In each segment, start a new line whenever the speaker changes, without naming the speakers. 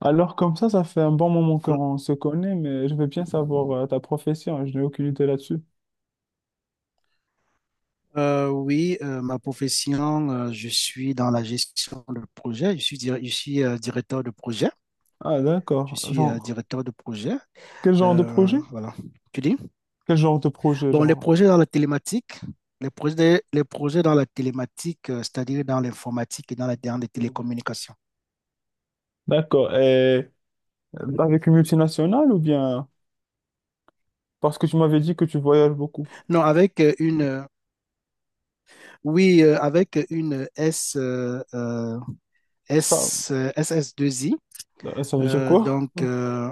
Alors comme ça fait un bon moment qu'on se connaît, mais je veux bien savoir ta profession, je n'ai aucune idée là-dessus.
Oui, ma profession, je suis dans la gestion de projet. Je suis directeur de projet.
Ah
Je
d'accord,
suis
genre,
directeur de projet.
quel genre de projet?
Voilà, tu dis.
Quel genre de projet,
Bon, les
genre?
projets dans la télématique, les projets dans la télématique, c'est-à-dire dans l'informatique et dans les télécommunications.
D'accord, et avec une multinationale ou bien... Parce que tu m'avais dit que tu voyages beaucoup.
Non, avec oui, avec une
Ça,
SS2I.
ça veut dire
Euh,
quoi?
donc, euh,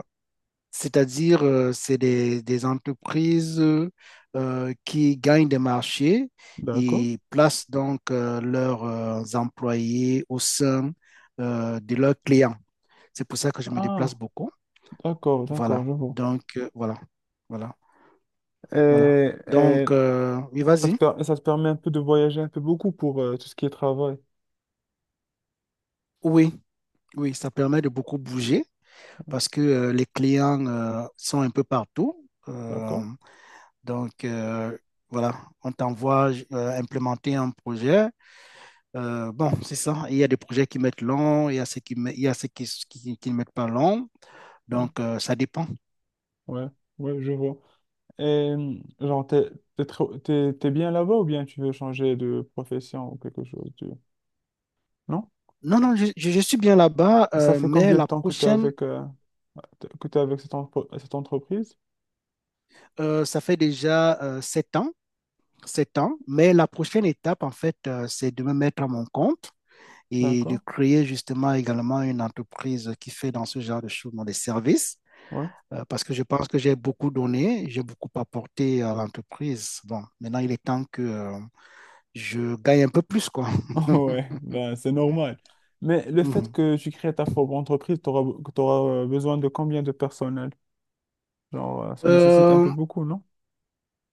C'est-à-dire, c'est des entreprises qui gagnent des marchés
D'accord.
et placent donc leurs employés au sein de leurs clients. C'est pour ça que je me déplace
Ah,
beaucoup.
d'accord, d'accord,
Voilà.
je vois.
Voilà. Voilà.
Et,
Voilà.
et
Oui, vas-y.
ça te permet un peu de voyager un peu beaucoup pour tout ce qui est travail.
Oui, oui, ça permet de beaucoup bouger parce que les clients sont un peu partout.
D'accord.
Donc, euh, voilà, on t'envoie implémenter un projet. Bon, c'est ça. Il y a des projets qui mettent long, il y a ceux qui, qui ne mettent pas long.
Ouais,
Ça dépend.
ouais, ouais, je vois. Et genre, t'es bien là-bas ou bien tu veux changer de profession ou quelque chose du... Non?
Non, non, je suis bien là-bas,
Ça fait
mais
combien de
la
temps
prochaine,
que t'es avec cette entreprise?
ça fait déjà sept ans, sept ans. Mais la prochaine étape, en fait, c'est de me mettre à mon compte et de
D'accord.
créer justement également une entreprise qui fait dans ce genre de choses, dans les services.
Ouais.
Parce que je pense que j'ai beaucoup donné, j'ai beaucoup apporté à l'entreprise. Bon, maintenant, il est temps que je gagne un peu plus, quoi.
Ouais, ben, c'est normal. Mais le fait que tu crées ta propre entreprise, t'auras besoin de combien de personnel? Genre, ça nécessite un peu
Euh,
beaucoup, non?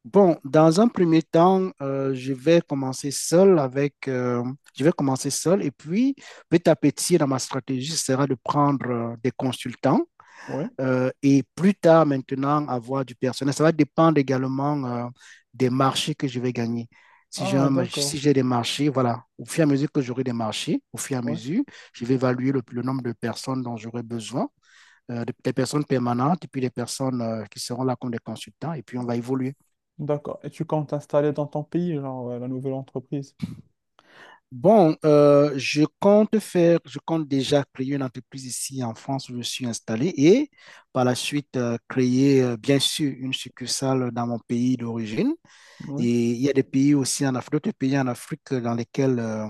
bon, dans un premier temps, je vais commencer seul je vais commencer seul et puis petit à petit, dans ma stratégie, ce sera de prendre des consultants
Ouais.
et plus tard maintenant avoir du personnel. Ça va dépendre également des marchés que je vais gagner.
Ah,
Si
d'accord.
j'ai des marchés, voilà, au fur et à mesure que j'aurai des marchés, au fur et à
Ouais.
mesure, je vais évaluer le nombre de personnes dont j'aurai besoin, des personnes permanentes et puis des personnes qui seront là comme des consultants et puis on va évoluer.
D'accord. Et tu comptes t'installer dans ton pays, genre, la nouvelle entreprise?
Je compte déjà créer une entreprise ici en France où je suis installé et par la suite créer bien sûr une succursale dans mon pays d'origine.
Ouais.
Et il y a des pays aussi en Afrique, d'autres pays en Afrique dans lesquels euh,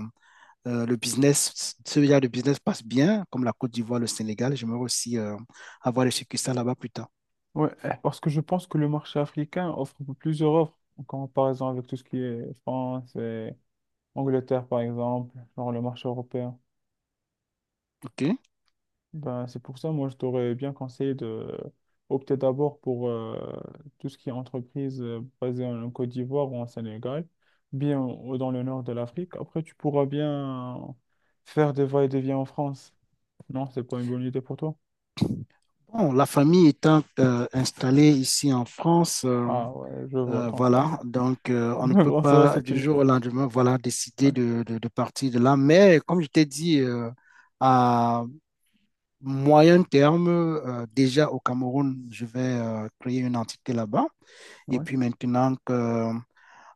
euh, le business, ce genre de business passe bien, comme la Côte d'Ivoire, le Sénégal. J'aimerais aussi avoir des succursales là-bas plus tard.
Ouais, eh, parce que je pense que le marché africain offre plusieurs offres en comparaison avec tout ce qui est France et Angleterre, par exemple, genre le marché européen.
OK?
Ben, c'est pour ça, moi, je t'aurais bien conseillé de opter d'abord pour tout ce qui est entreprise basée en Côte d'Ivoire ou en Sénégal, dans le nord de l'Afrique. Après, tu pourras bien faire des va-et-vient en France. Non, c'est pas une bonne idée pour toi.
Bon, la famille étant installée ici en France.
Ah ouais, je vois. Donc,
Voilà, on ne
donc
peut
en soi,
pas
c'est
du
une.
jour au lendemain, voilà, décider
Ouais.
de partir de là. Mais comme je t'ai dit, à moyen terme, déjà au Cameroun, je vais créer une entité là-bas. Et
Ouais,
puis maintenant que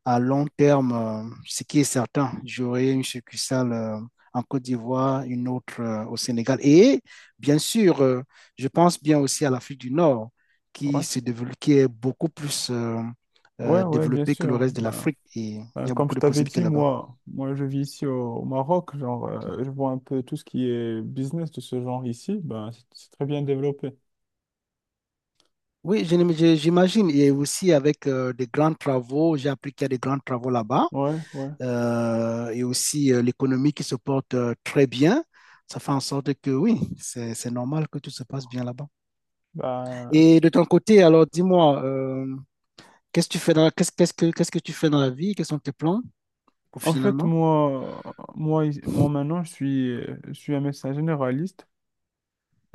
à long terme, ce qui est certain, j'aurai une succursale en Côte d'Ivoire, une autre au Sénégal. Et bien sûr, je pense bien aussi à l'Afrique du Nord, qui
ouais,
se développe, qui est beaucoup plus
ouais, ouais, bien
développée que le
sûr.
reste de
Ben,
l'Afrique. Et il y a
Comme
beaucoup
je
de
t'avais
possibilités
dit,
là-bas.
moi, moi, je vis ici au, au Maroc. Genre, je vois un peu tout ce qui est business de ce genre ici. Ben, c'est très bien développé.
J'imagine. Et aussi avec des grands travaux, j'ai appris qu'il y a des grands travaux là-bas.
Ouais, ouais.
Et aussi l'économie qui se porte très bien. Ça fait en sorte que oui, c'est normal que tout se passe bien là-bas.
Ben,
Et de ton côté, alors dis-moi, qu'est-ce que tu fais dans la- qu'est-ce, qu'est-ce que tu fais dans la vie? Quels sont tes plans
en fait,
professionnellement?
moi, moi maintenant, je suis un médecin généraliste.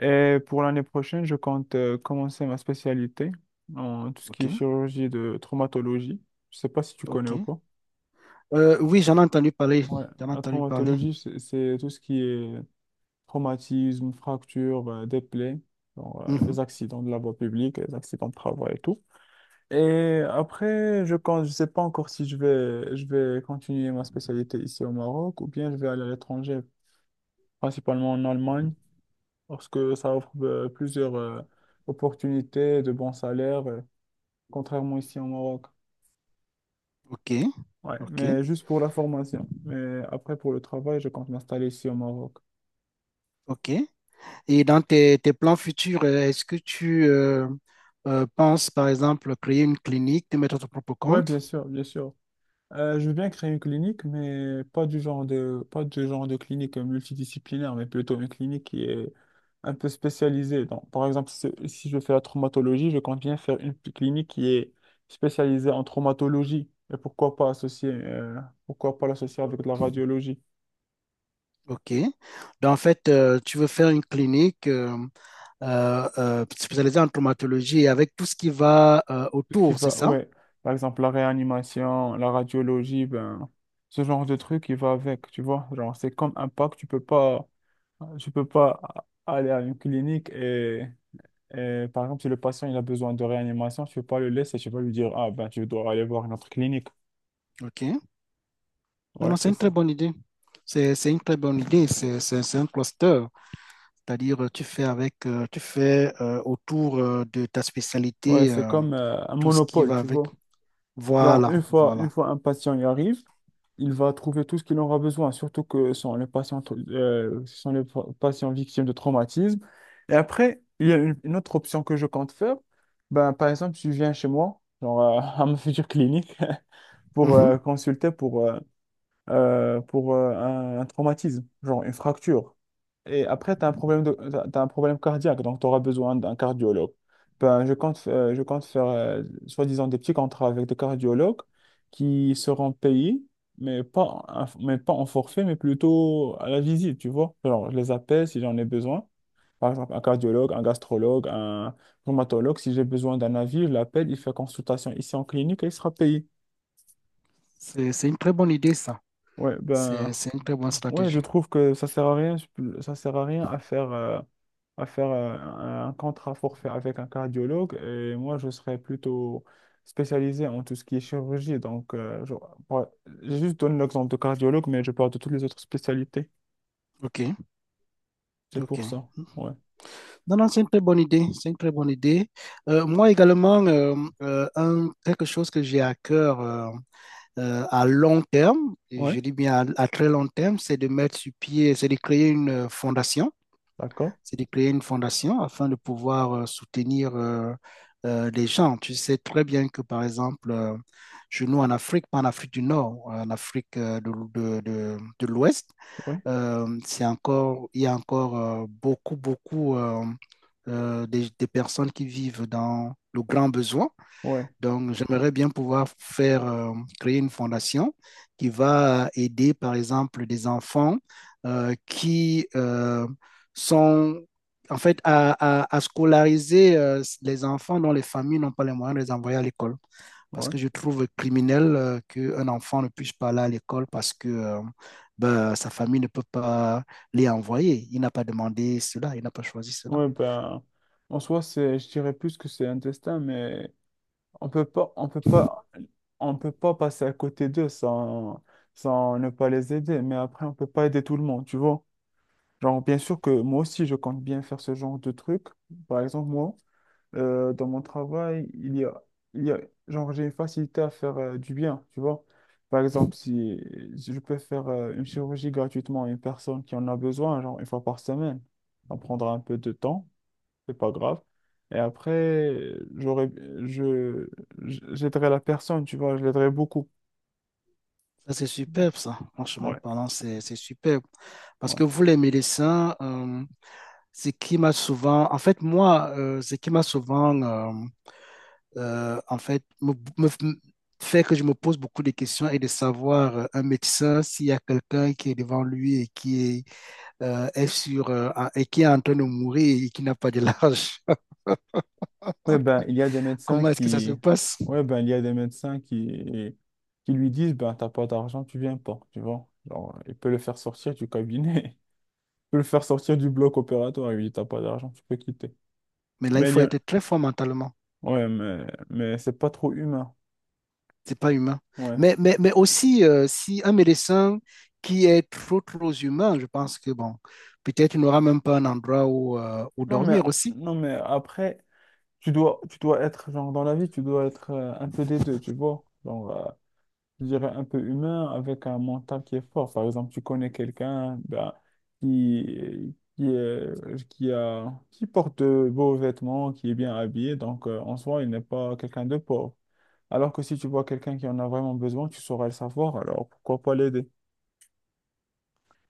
Et pour l'année prochaine, je compte commencer ma spécialité en tout ce qui
Ok,
est chirurgie de traumatologie. Je sais pas si tu connais
ok.
ou pas.
Oui, j'en ai entendu parler.
Ouais,
J'en ai
la
entendu parler.
traumatologie, c'est tout ce qui est traumatismes, fractures, des plaies, genre,
Mhm.
les accidents de la voie publique, les accidents de travail et tout. Et après, je ne je sais pas encore si je vais continuer ma spécialité ici au Maroc ou bien je vais aller à l'étranger, principalement en Allemagne, parce que ça offre plusieurs opportunités de bons salaires, contrairement ici au Maroc.
Ok,
Ouais,
ok,
mais juste pour la formation. Mais après, pour le travail, je compte m'installer ici au Maroc.
ok. Et dans tes plans futurs, est-ce que tu penses, par exemple, créer une clinique, te mettre à ton propre
Ouais,
compte?
bien sûr, bien sûr. Je veux bien créer une clinique, mais pas du genre de, pas du genre de clinique multidisciplinaire, mais plutôt une clinique qui est un peu spécialisée. Donc, par exemple, si je fais la traumatologie, je compte bien faire une clinique qui est spécialisée en traumatologie. Et pourquoi pas associer, pourquoi pas l'associer avec de la radiologie?
OK. Donc, en fait, tu veux faire une clinique spécialisée en traumatologie et avec tout ce qui va
Tout ce qui
autour, c'est
va,
ça?
ouais, par exemple, la réanimation, la radiologie, ben, ce genre de truc, il va avec, tu vois. Genre, c'est comme un pack, tu peux pas aller à une clinique et par exemple, si le patient il a besoin de réanimation, tu ne peux pas le laisser, tu vas lui dire, ah ben tu dois aller voir une autre clinique.
OK. Non,
Ouais,
non, c'est
c'est
une très
ça.
bonne idée. C'est une très bonne idée. C'est c'est un cluster. C'est-à-dire, tu fais tu fais autour de ta
Ouais,
spécialité
c'est comme un
tout ce qui
monopole,
va
tu
avec.
vois. Genre,
Voilà,
une
voilà.
fois un patient y arrive, il va trouver tout ce qu'il aura besoin, surtout que ce sont les ce sont les patients victimes de traumatisme. Et après, il y a une autre option que je compte faire. Ben, par exemple, tu viens chez moi, genre à ma future clinique, pour
Mhm.
consulter pour un traumatisme, genre une fracture. Et après, tu as un problème de, t'as un problème cardiaque, donc tu auras besoin d'un cardiologue. Ben, je compte faire, soi-disant, des petits contrats avec des cardiologues qui seront payés, mais pas, un- mais pas en forfait, mais plutôt à la visite, tu vois. Alors, je les appelle si j'en ai besoin. Par exemple, un cardiologue, un gastrologue, un rhumatologue, si j'ai besoin d'un avis, je l'appelle, il fait consultation ici en clinique et il sera payé.
C'est une très bonne idée, ça.
Ouais, ben,
C'est une très bonne
ouais, je
stratégie.
trouve que ça sert à rien, ça sert à rien à faire, à faire euh, un contrat forfait avec un cardiologue. Et moi, je serais plutôt spécialisé en tout ce qui est chirurgie. Donc, genre, j'ai juste donné l'exemple de cardiologue, mais je parle de toutes les autres spécialités.
Ok,
C'est
ok.
pour ça. Ouais.
Non, non, c'est une très bonne idée. C'est une très bonne idée. Moi également, quelque chose que j'ai à cœur à long terme, et
Ouais.
je dis bien à très long terme, c'est de mettre sur pied, c'est de créer une fondation.
D'accord.
C'est de créer une fondation afin de pouvoir soutenir les gens. Tu sais très bien que, par exemple, chez nous en Afrique, pas en Afrique du Nord, en Afrique de l'Ouest,
Oui.
c'est encore, il y a encore beaucoup, beaucoup des personnes qui vivent dans le grand besoin.
Ouais.
Donc, j'aimerais bien pouvoir faire créer une fondation qui va aider, par exemple, des enfants qui sont, en fait, à scolariser les enfants dont les familles n'ont pas les moyens de les envoyer à l'école. Parce
Ouais.
que je trouve criminel qu'un enfant ne puisse pas aller à l'école parce que ben, sa famille ne peut pas les envoyer. Il n'a pas demandé cela, il n'a pas choisi cela.
Ouais, ben, en soi, c'est, je dirais plus que c'est un destin, mais on peut pas, on peut pas, on peut pas passer à côté d'eux sans, sans ne pas les aider. Mais après, on peut pas aider tout le monde, tu vois. Genre, bien sûr que moi aussi, je compte bien faire ce genre de truc. Par exemple, moi, dans mon travail, il y a, genre, j'ai une facilité à faire du bien, tu vois. Par exemple, si je peux faire une chirurgie gratuitement à une personne qui en a besoin, genre une fois par semaine, ça prendra un peu de temps, c'est pas grave. Et après, j'aurais, je, j'aiderais la personne, tu vois, je l'aiderais beaucoup.
Ça, c'est superbe, ça. Franchement
Ouais,
parlant, c'est superbe. Parce
ouais.
que vous, les médecins, ce qui m'a souvent, en fait, ce qui m'a souvent, en fait, me fait que je me pose beaucoup de questions et de savoir un médecin s'il y a quelqu'un qui est devant lui et qui et qui est en train de mourir et qui n'a pas de large.
Ouais, ben, il y a des médecins
Comment est-ce que ça se
qui,
passe?
ouais, ben, il y a des médecins qui lui disent, ben, t'as pas d'argent, tu viens pas, tu vois. Genre, il peut le faire sortir du cabinet, il peut le faire sortir du bloc opératoire, il lui dit, t'as pas d'argent, tu peux quitter.
Mais là, il
Mais il
faut
y a,
être très fort mentalement.
ouais, mais c'est pas trop humain.
C'est pas humain.
Ouais.
Mais aussi, si un médecin qui est trop, trop humain, je pense que, bon, peut-être il n'aura même pas un endroit où, où
Non, mais,
dormir aussi.
non, mais après, tu dois être, genre, dans la vie, tu dois être un peu des deux, tu vois. Genre, je dirais un peu humain avec un mental qui est fort. Par exemple, tu connais quelqu'un ben, qui porte de beaux vêtements, qui est bien habillé, donc en soi, il n'est pas quelqu'un de pauvre. Alors que si tu vois quelqu'un qui en a vraiment besoin, tu sauras le savoir, alors pourquoi pas l'aider?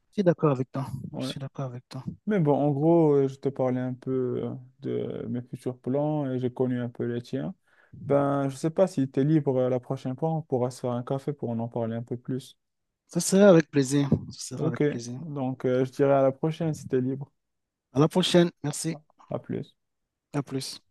Je suis d'accord avec toi. Je
Ouais.
suis d'accord avec toi.
Mais bon, en gros, je te parlais un peu de mes futurs plans et j'ai connu un peu les tiens. Ben, je sais pas si tu es libre la prochaine fois, on pourra se faire un café pour en parler un peu plus.
Ce sera avec plaisir. Ce sera avec
Ok,
plaisir.
donc je dirais à la prochaine si tu es libre.
À la prochaine. Merci.
À plus.
À plus.